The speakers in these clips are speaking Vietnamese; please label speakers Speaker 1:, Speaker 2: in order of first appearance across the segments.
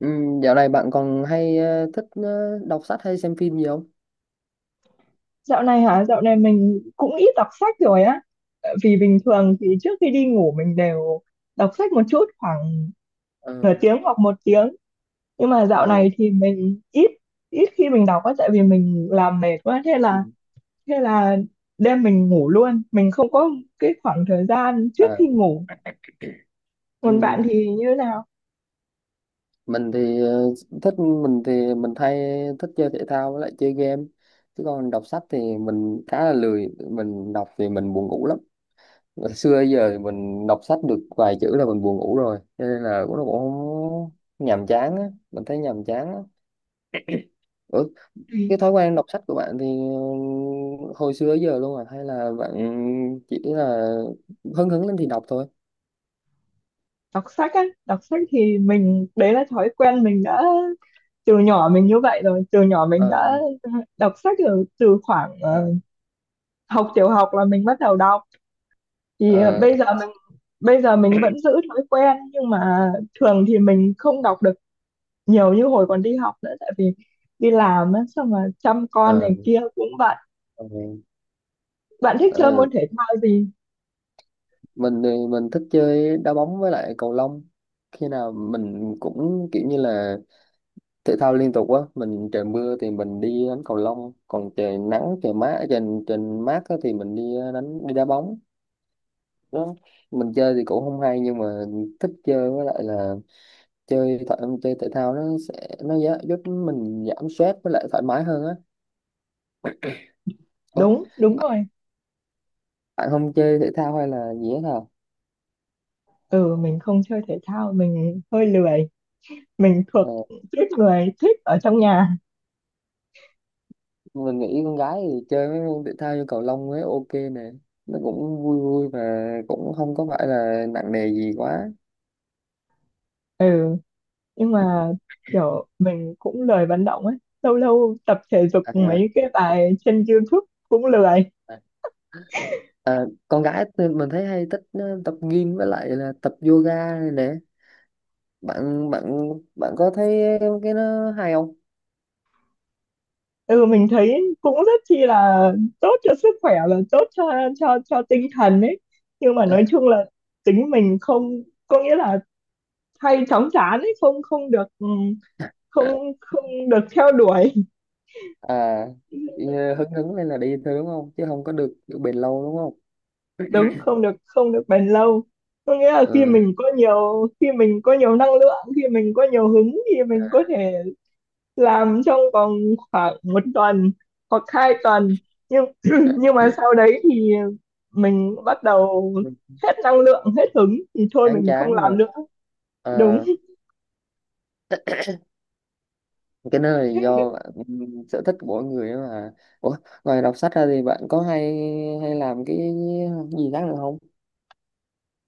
Speaker 1: Ừ, dạo này bạn còn hay thích đọc sách hay xem phim gì không?
Speaker 2: Dạo này hả? Dạo này mình cũng ít đọc sách rồi á. Tại vì bình thường thì trước khi đi ngủ mình đều đọc sách một chút khoảng
Speaker 1: Ờ,
Speaker 2: nửa tiếng hoặc một tiếng. Nhưng mà dạo
Speaker 1: ờ,
Speaker 2: này thì mình ít ít khi mình đọc á, tại vì mình làm mệt quá thế
Speaker 1: ừ,
Speaker 2: là thế là đêm mình ngủ luôn. Mình không có cái khoảng thời gian trước khi
Speaker 1: ờ,
Speaker 2: ngủ. Còn
Speaker 1: ừ.
Speaker 2: bạn thì như thế nào?
Speaker 1: Mình thì mình hay thích chơi thể thao với lại chơi game, chứ còn đọc sách thì mình khá là lười, mình đọc thì mình buồn ngủ lắm. Ngày xưa giờ thì mình đọc sách được vài chữ là mình buồn ngủ rồi, cho nên là cũng nó cũng không nhàm chán á, mình thấy nhàm chán á.
Speaker 2: Ừ.
Speaker 1: Cái thói quen đọc sách của bạn thì hồi xưa tới giờ luôn à, hay là bạn chỉ là hứng hứng lên thì đọc thôi?
Speaker 2: Đọc sách á, đọc sách thì mình đấy là thói quen mình đã từ nhỏ, mình như vậy rồi, từ nhỏ mình đã
Speaker 1: ờ
Speaker 2: đọc sách từ từ khoảng
Speaker 1: ờ
Speaker 2: học tiểu học là mình bắt đầu đọc, thì
Speaker 1: ờ
Speaker 2: bây giờ mình vẫn giữ thói quen nhưng mà thường thì mình không đọc được nhiều như hồi còn đi học nữa, tại vì đi làm á, xong mà chăm con
Speaker 1: ờ
Speaker 2: này kia cũng bận.
Speaker 1: ờ,
Speaker 2: Bạn thích chơi
Speaker 1: ờ.
Speaker 2: môn thể thao gì?
Speaker 1: Mình thì mình thích chơi đá bóng với lại cầu lông, khi nào mình cũng kiểu như là thể thao liên tục á. Mình trời mưa thì mình đi đánh cầu lông, còn trời nắng trời mát trời trời mát á, thì mình đi đi đá bóng đó. Mình chơi thì cũng không hay nhưng mà thích chơi, với lại là chơi thể chơi thể thao nó sẽ nó giúp mình giảm stress với lại thoải mái hơn á. Ủa,
Speaker 2: Đúng đúng
Speaker 1: bạn,
Speaker 2: rồi.
Speaker 1: bạn không chơi thể thao hay là gì hết hả?
Speaker 2: Ừ, mình không chơi thể thao, mình hơi lười, mình thuộc
Speaker 1: ờ,
Speaker 2: tuýp người thích ở trong nhà.
Speaker 1: mình nghĩ con gái thì chơi mấy môn thể thao như cầu lông ấy ok nè, nó cũng vui vui và cũng không có phải là nặng nề gì quá.
Speaker 2: Ừ, nhưng mà kiểu mình cũng lười vận động ấy, lâu lâu tập thể dục
Speaker 1: à,
Speaker 2: mấy cái bài trên YouTube cũng lười.
Speaker 1: à, À, con gái thì mình thấy hay thích tập gym với lại là tập yoga này nè. Bạn bạn Bạn có thấy cái nó hay không?
Speaker 2: Ừ, mình thấy cũng rất chi là tốt cho sức khỏe, là tốt cho tinh thần ấy, nhưng mà nói chung là tính mình không có nghĩa là hay chóng chán ấy, không không được ừ, không không được theo đuổi.
Speaker 1: à Đi, hứng hứng lên là đi thôi đúng không, chứ không có được kiểu bền lâu đúng không?
Speaker 2: Đúng, không được bền lâu, có nghĩa là
Speaker 1: Ừ.
Speaker 2: khi mình có nhiều năng lượng, khi mình có nhiều hứng thì mình có thể làm trong vòng khoảng một tuần hoặc 2 tuần, nhưng nhưng mà sau đấy thì mình bắt đầu hết năng lượng, hết hứng thì thôi
Speaker 1: Chán
Speaker 2: mình không
Speaker 1: chán
Speaker 2: làm
Speaker 1: rồi.
Speaker 2: nữa. Đúng.
Speaker 1: Ờ, cái nơi này
Speaker 2: Thế
Speaker 1: do ừ, sở thích của mỗi người ấy mà. Ủa, ngoài đọc sách ra thì bạn có hay hay làm cái gì khác nữa không?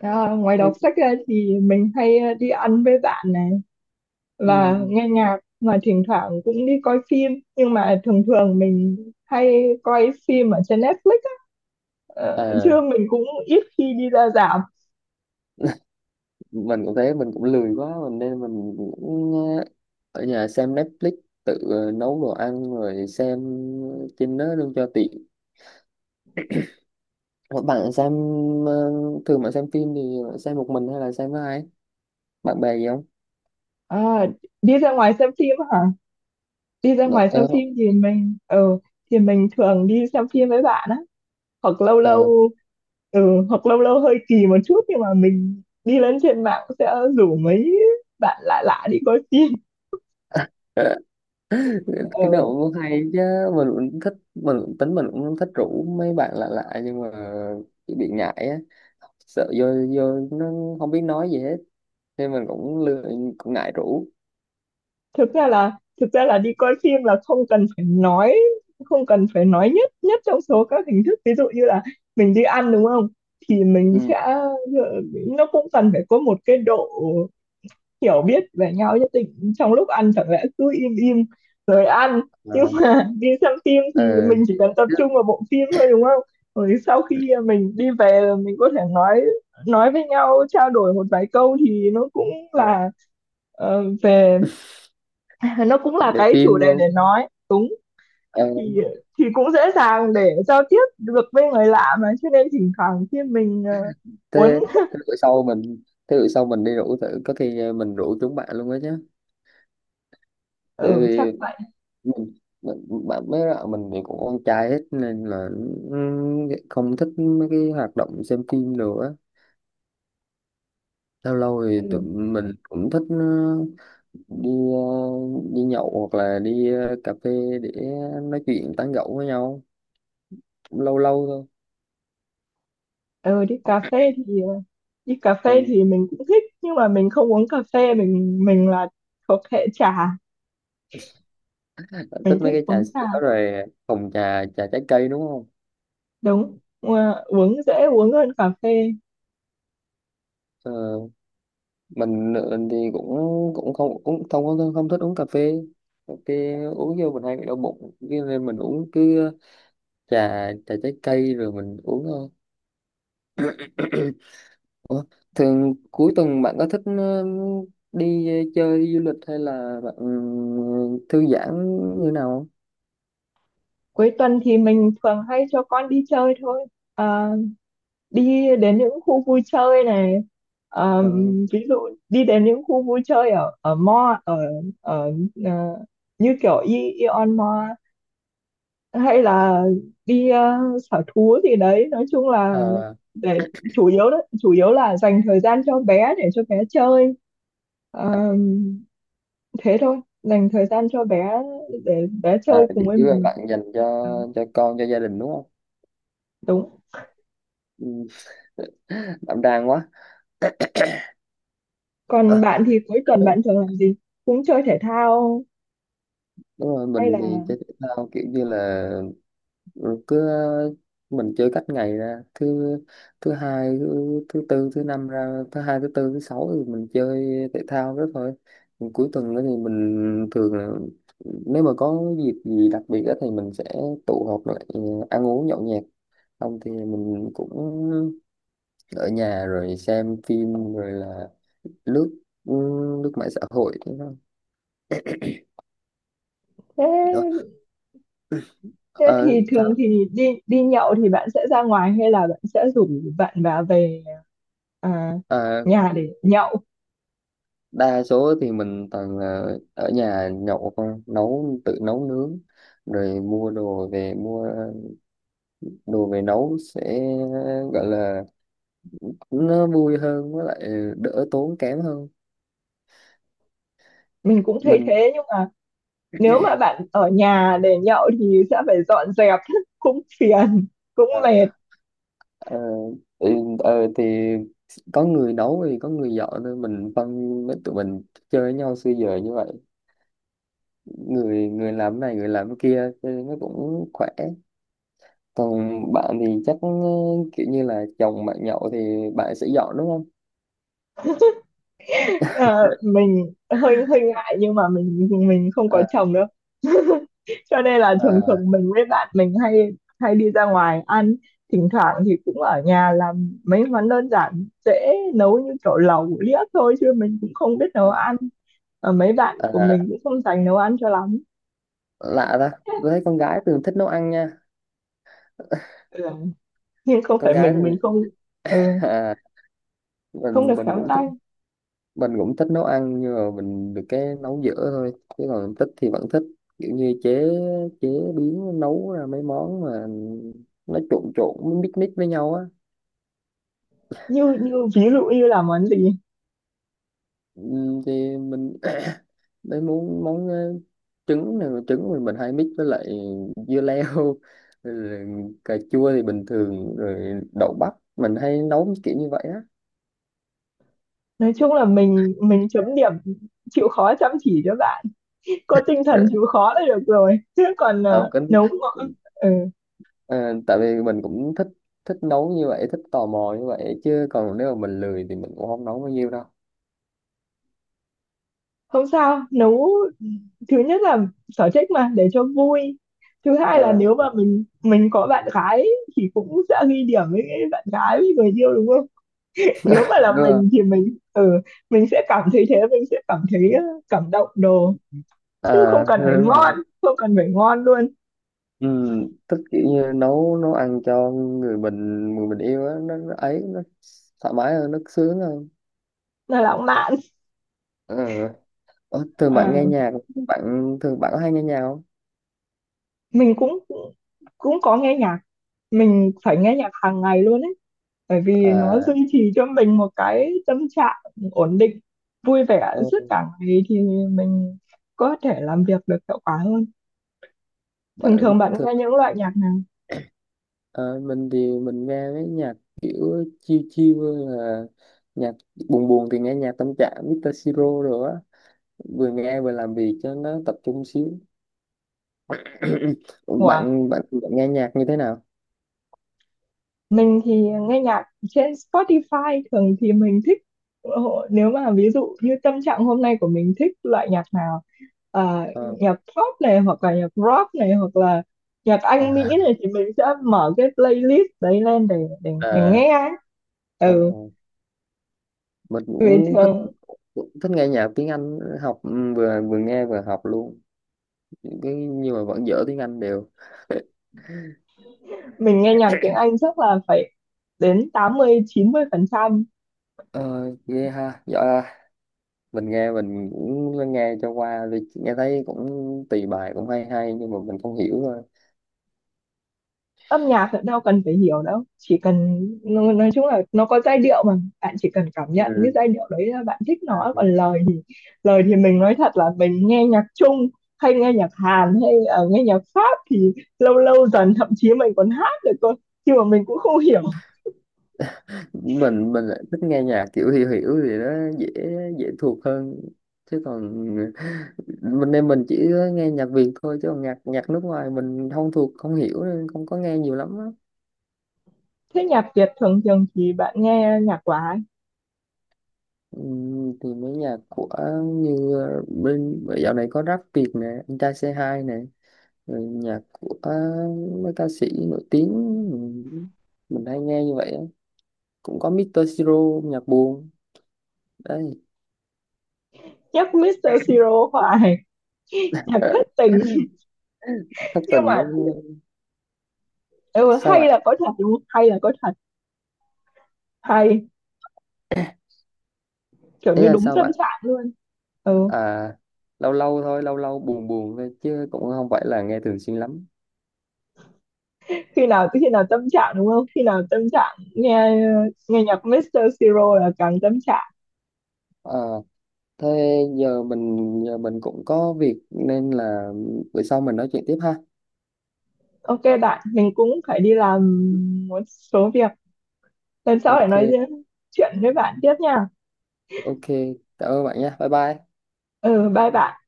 Speaker 2: à, ngoài đọc
Speaker 1: hay...
Speaker 2: sách ra thì mình hay đi ăn với bạn này
Speaker 1: ừ.
Speaker 2: và nghe nhạc, mà thỉnh thoảng cũng đi coi phim, nhưng mà thường thường mình hay coi phim ở trên Netflix á. Chứ
Speaker 1: À,
Speaker 2: mình cũng ít khi đi ra rạp.
Speaker 1: mình cũng thế, mình cũng lười quá mình nên mình cũng ờ, ở nhà xem Netflix, tự nấu đồ ăn rồi xem trên đó luôn cho tiện. Ờ, bạn xem ờ, thường bạn xem phim thì bạn xem một mình hay là xem với ai? Bạn bè gì không?
Speaker 2: À, đi ra ngoài xem phim hả? Đi ra
Speaker 1: Ờ,
Speaker 2: ngoài xem
Speaker 1: ờ,
Speaker 2: phim thì thì mình thường đi xem phim với bạn á, hoặc lâu
Speaker 1: ờ.
Speaker 2: lâu ừ, hoặc lâu lâu hơi kỳ một chút, nhưng mà mình đi lên trên mạng sẽ rủ mấy bạn lạ lạ đi coi phim.
Speaker 1: Cái nào
Speaker 2: Ừ.
Speaker 1: cũng hay chứ. Mình cũng thích, mình cũng tính mình cũng thích rủ mấy bạn lạ lạ nhưng mà chỉ bị ngại á, sợ vô vô nó không biết nói gì hết, nên mình cũng lười, cũng ngại rủ.
Speaker 2: thực ra là thực ra là đi coi phim là không cần phải nói nhất nhất trong số các hình thức. Ví dụ như là mình đi ăn đúng không, thì mình
Speaker 1: ừ.
Speaker 2: sẽ ừ, nó cũng cần phải có một cái độ hiểu biết về nhau nhất định, trong lúc ăn chẳng lẽ cứ im im rồi ăn, nhưng
Speaker 1: ờ
Speaker 2: mà đi xem phim thì
Speaker 1: ờ
Speaker 2: mình chỉ cần tập
Speaker 1: Chứ,
Speaker 2: trung vào bộ phim thôi đúng không? Rồi sau khi mình đi về là mình có thể nói với nhau, trao đổi một vài câu thì nó cũng
Speaker 1: ờ,
Speaker 2: là ờ, về nó cũng là
Speaker 1: về
Speaker 2: cái chủ
Speaker 1: phim
Speaker 2: đề
Speaker 1: luôn.
Speaker 2: để nói đúng.
Speaker 1: Ờ
Speaker 2: Thì thì cũng dễ dàng để giao tiếp được với người lạ mà, cho nên thỉnh thoảng khi mình
Speaker 1: thế
Speaker 2: muốn.
Speaker 1: Thế bữa sau thế bữa sau mình đi rủ thử, có khi mình rủ chúng bạn luôn đó chứ. Tại
Speaker 2: Ừ, chắc
Speaker 1: vì
Speaker 2: vậy.
Speaker 1: mình, mình mấy bạn mình thì cũng con trai hết nên là ừ, không thích mấy cái hoạt động xem phim nữa. Lâu lâu thì tụi
Speaker 2: Ừ.
Speaker 1: mình cũng thích ừ, đi ờ, đi nhậu hoặc là đi cà phê để nói chuyện tán gẫu với nhau, cũng lâu lâu thôi.
Speaker 2: Ừ, đi cà phê thì đi cà phê
Speaker 1: Ừ.
Speaker 2: thì mình cũng thích nhưng mà mình không uống cà phê, mình là thuộc hệ trà,
Speaker 1: Bạn
Speaker 2: mình
Speaker 1: thích mấy
Speaker 2: thích
Speaker 1: cái
Speaker 2: uống
Speaker 1: trà
Speaker 2: trà.
Speaker 1: sữa rồi hồng trà trà trái cây đúng không?
Speaker 2: Đúng. Ờ, uống dễ uống hơn cà phê.
Speaker 1: Ờ, mình thì cũng cũng không không, không thích uống cà phê. Cà phê uống vô mình hay bị đau bụng. Cho nên mình uống cứ trà trà trái cây rồi mình uống thôi. Ủa, thường cuối tuần bạn có thích đi chơi đi du lịch hay là bạn ừ, thư giãn như nào
Speaker 2: Cuối tuần thì mình thường hay cho con đi chơi thôi. Ờ, đi đến những khu vui chơi này. Ờ,
Speaker 1: không?
Speaker 2: ví dụ đi đến những khu vui chơi ở ở mall, ở ở ờ, như kiểu Ion Mall, hay là đi sở thú gì đấy, nói chung là
Speaker 1: Ờ,
Speaker 2: để chủ yếu là dành thời gian cho bé, để cho bé chơi. Ờ, thế thôi, dành thời gian cho bé để bé
Speaker 1: à
Speaker 2: chơi cùng với
Speaker 1: chỉ là
Speaker 2: mình.
Speaker 1: bạn dành cho con cho gia đình đúng không?
Speaker 2: Đúng.
Speaker 1: Ừ, đảm đang quá.
Speaker 2: Còn
Speaker 1: Ờ,
Speaker 2: bạn thì cuối tuần bạn thường làm gì? Cũng chơi thể thao
Speaker 1: đúng rồi.
Speaker 2: hay là?
Speaker 1: Mình thì chơi thể thao kiểu như là rồi cứ mình chơi cách ngày ra thứ thứ hai thứ tư thứ năm ra thứ hai thứ tư thứ sáu thì mình chơi thể thao đó thôi. Còn cuối tuần đó thì mình thường là nếu mà có dịp gì đặc biệt đó thì mình sẽ tụ họp lại ăn uống nhậu nhẹt, không thì mình cũng ở nhà rồi xem phim rồi là lướt ừ, lướt mạng xã hội thế thôi. Đó.
Speaker 2: Thế. Thế
Speaker 1: Ờ,
Speaker 2: thì
Speaker 1: sao?
Speaker 2: thường thì đi đi nhậu thì bạn sẽ ra ngoài hay là bạn sẽ rủ bạn vào về à,
Speaker 1: À,
Speaker 2: nhà để nhậu?
Speaker 1: đa số thì mình toàn là ở nhà nhậu thôi, nấu tự nấu nướng rồi mua đồ về nấu, sẽ gọi là nó vui hơn với lại đỡ tốn kém hơn.
Speaker 2: Mình cũng thấy
Speaker 1: mình
Speaker 2: thế, nhưng mà nếu mà bạn ở nhà để nhậu thì sẽ phải dọn dẹp, cũng phiền, cũng
Speaker 1: ờ,
Speaker 2: mệt.
Speaker 1: ờ, ừ, thì có người nấu thì có người dọn thôi, mình phân với tụi mình chơi với nhau xưa giờ như vậy, người người làm cái này người làm cái kia cho nên nó cũng khỏe. Còn bạn thì chắc kiểu như là chồng bạn nhậu thì bạn sẽ dọn đúng không?
Speaker 2: Ờ, mình hơi hơi ngại nhưng mà mình không có
Speaker 1: à,
Speaker 2: chồng đâu. Cho nên là thường
Speaker 1: à,
Speaker 2: thường mình với bạn mình hay hay đi ra ngoài ăn, thỉnh thoảng thì cũng ở nhà làm mấy món đơn giản dễ nấu như kiểu lẩu liếc thôi, chứ mình cũng không biết nấu
Speaker 1: à,
Speaker 2: ăn. Ờ, mấy bạn của
Speaker 1: À,
Speaker 2: mình cũng không dành nấu ăn cho lắm.
Speaker 1: lạ ta, tôi thấy con gái thường thích nấu ăn nha,
Speaker 2: Ừ. Nhưng không
Speaker 1: con
Speaker 2: phải
Speaker 1: gái
Speaker 2: mình
Speaker 1: thường
Speaker 2: mình không ừ,
Speaker 1: à,
Speaker 2: không được
Speaker 1: mình
Speaker 2: khéo
Speaker 1: cũng thích,
Speaker 2: tay.
Speaker 1: mình cũng thích nấu ăn nhưng mà mình được cái nấu dở thôi, chứ còn thích thì vẫn thích, kiểu như chế chế biến nấu ra mấy món mà nó trộn trộn mix mix với nhau á.
Speaker 2: Như như ví dụ như là món gì?
Speaker 1: Thì mình mấy món món trứng này, trứng mình hay mix với lại dưa leo rồi cà chua thì bình thường rồi đậu bắp, mình hay nấu kiểu như vậy á.
Speaker 2: Nói chung là mình chấm điểm chịu khó chăm chỉ cho bạn, có tinh thần chịu khó là được rồi, chứ còn
Speaker 1: ờ cũng
Speaker 2: ừ.
Speaker 1: ờ, Tại vì mình cũng thích thích nấu như vậy, thích tò mò như vậy, chứ còn nếu mà mình lười thì mình cũng không nấu bao nhiêu đâu.
Speaker 2: Không sao. Nấu, thứ nhất là sở thích mà, để cho vui, thứ hai là
Speaker 1: ờ
Speaker 2: nếu mà mình có bạn gái thì cũng sẽ ghi điểm với bạn gái, với người yêu đúng không? Nếu mà
Speaker 1: Đúng
Speaker 2: là
Speaker 1: rồi.
Speaker 2: mình thì mình sẽ cảm thấy thế, mình sẽ cảm thấy cảm động đồ, chứ
Speaker 1: À,
Speaker 2: không cần phải
Speaker 1: đúng rồi.
Speaker 2: ngon, không cần phải ngon luôn,
Speaker 1: Ừ, thích kiểu như nấu nấu ăn cho người mình yêu á, nó ấy nó thoải mái hơn, nó sướng hơn.
Speaker 2: là lãng mạn.
Speaker 1: Ừ. Thường
Speaker 2: Ờ.
Speaker 1: bạn nghe nhạc bạn Thường bạn có hay nghe nhạc không?
Speaker 2: Mình cũng cũng có nghe nhạc. Mình phải nghe nhạc hàng ngày luôn ấy, bởi vì nó
Speaker 1: À
Speaker 2: duy trì cho mình một cái tâm trạng ổn định vui vẻ suốt
Speaker 1: ừ,
Speaker 2: cả ngày, thì mình có thể làm việc được hiệu quả hơn. Thường
Speaker 1: bạn
Speaker 2: thường bạn
Speaker 1: thường
Speaker 2: nghe những loại nhạc nào?
Speaker 1: Ờ, mình thì mình nghe mấy nhạc kiểu chill chill, hơn là nhạc buồn buồn thì nghe nhạc tâm trạng Mr. Siro rồi á, vừa nghe vừa làm việc cho nó tập trung xíu.
Speaker 2: Ủa?
Speaker 1: bạn bạn Bạn nghe nhạc như thế nào?
Speaker 2: Mình thì nghe nhạc trên Spotify, thường thì mình thích nếu mà ví dụ như tâm trạng hôm nay của mình thích loại nhạc nào,
Speaker 1: Ờ,
Speaker 2: nhạc pop này hoặc là nhạc rock này hoặc là nhạc Anh Mỹ
Speaker 1: à,
Speaker 2: này, thì mình sẽ mở cái playlist đấy lên để
Speaker 1: à,
Speaker 2: nghe ấy.
Speaker 1: à,
Speaker 2: Ừ,
Speaker 1: mình
Speaker 2: vì
Speaker 1: cũng
Speaker 2: thường
Speaker 1: cũng thích nghe nhạc tiếng Anh học ừ, vừa vừa nghe vừa học luôn những cái, nhưng mà vẫn dở tiếng Anh đều.
Speaker 2: mình nghe nhạc tiếng Anh chắc là phải đến tám mươi mươi 90%.
Speaker 1: Ờ, ghê ha, giỏi ha. Mình cũng nghe cho qua, vì nghe thấy cũng tùy bài cũng hay hay nhưng mà mình không hiểu thôi.
Speaker 2: Âm nhạc thì đâu cần phải hiểu đâu, chỉ cần nói chung là nó có giai điệu mà, bạn chỉ cần cảm nhận cái
Speaker 1: Ừ.
Speaker 2: giai điệu đấy là bạn thích nó,
Speaker 1: Ừ.
Speaker 2: còn lời thì mình nói thật là mình nghe nhạc Trung hay nghe nhạc Hàn hay nghe nhạc Pháp thì lâu lâu dần thậm chí mình còn hát được cơ, nhưng mà mình cũng không hiểu.
Speaker 1: Mình lại thích nghe nhạc kiểu hiểu hiểu thì nó dễ dễ thuộc hơn, chứ còn mình chỉ nghe nhạc Việt thôi, chứ còn nhạc nhạc nước ngoài mình không thuộc không hiểu nên không có nghe nhiều lắm á.
Speaker 2: Thế nhạc Việt thường thường thì bạn nghe nhạc của ai?
Speaker 1: Thì mấy nhạc của như bên dạo này có rap Việt nè, anh trai c hai nè, rồi nhạc của mấy ca sĩ nổi tiếng, mình, mình hay nghe như vậy á. Cũng có Mr. Siro nhạc buồn đấy,
Speaker 2: Nhạc Mr. Siro hoài, nhạc thất tình.
Speaker 1: thất
Speaker 2: Nhưng
Speaker 1: tình đó.
Speaker 2: mà, ừ,
Speaker 1: Sao
Speaker 2: hay
Speaker 1: bạn?
Speaker 2: là có thật đúng không, hay là có thật, hay kiểu
Speaker 1: Ý
Speaker 2: như
Speaker 1: là
Speaker 2: đúng
Speaker 1: sao
Speaker 2: tâm
Speaker 1: bạn?
Speaker 2: trạng luôn. Ừ.
Speaker 1: À, lâu lâu thôi, lâu lâu buồn buồn thôi chứ cũng không phải là nghe thường xuyên lắm.
Speaker 2: Khi nào tâm trạng đúng không, khi nào tâm trạng nghe nghe nhạc Mr. Siro là càng tâm trạng.
Speaker 1: À, thế giờ giờ mình cũng có việc nên là bữa sau mình nói chuyện tiếp ha.
Speaker 2: OK bạn, mình cũng phải đi làm một số việc, lần sau để
Speaker 1: Ok
Speaker 2: nói riêng chuyện với bạn tiếp nha.
Speaker 1: ok cảm ơn bạn nha, bye bye.
Speaker 2: Ừ, bye bạn.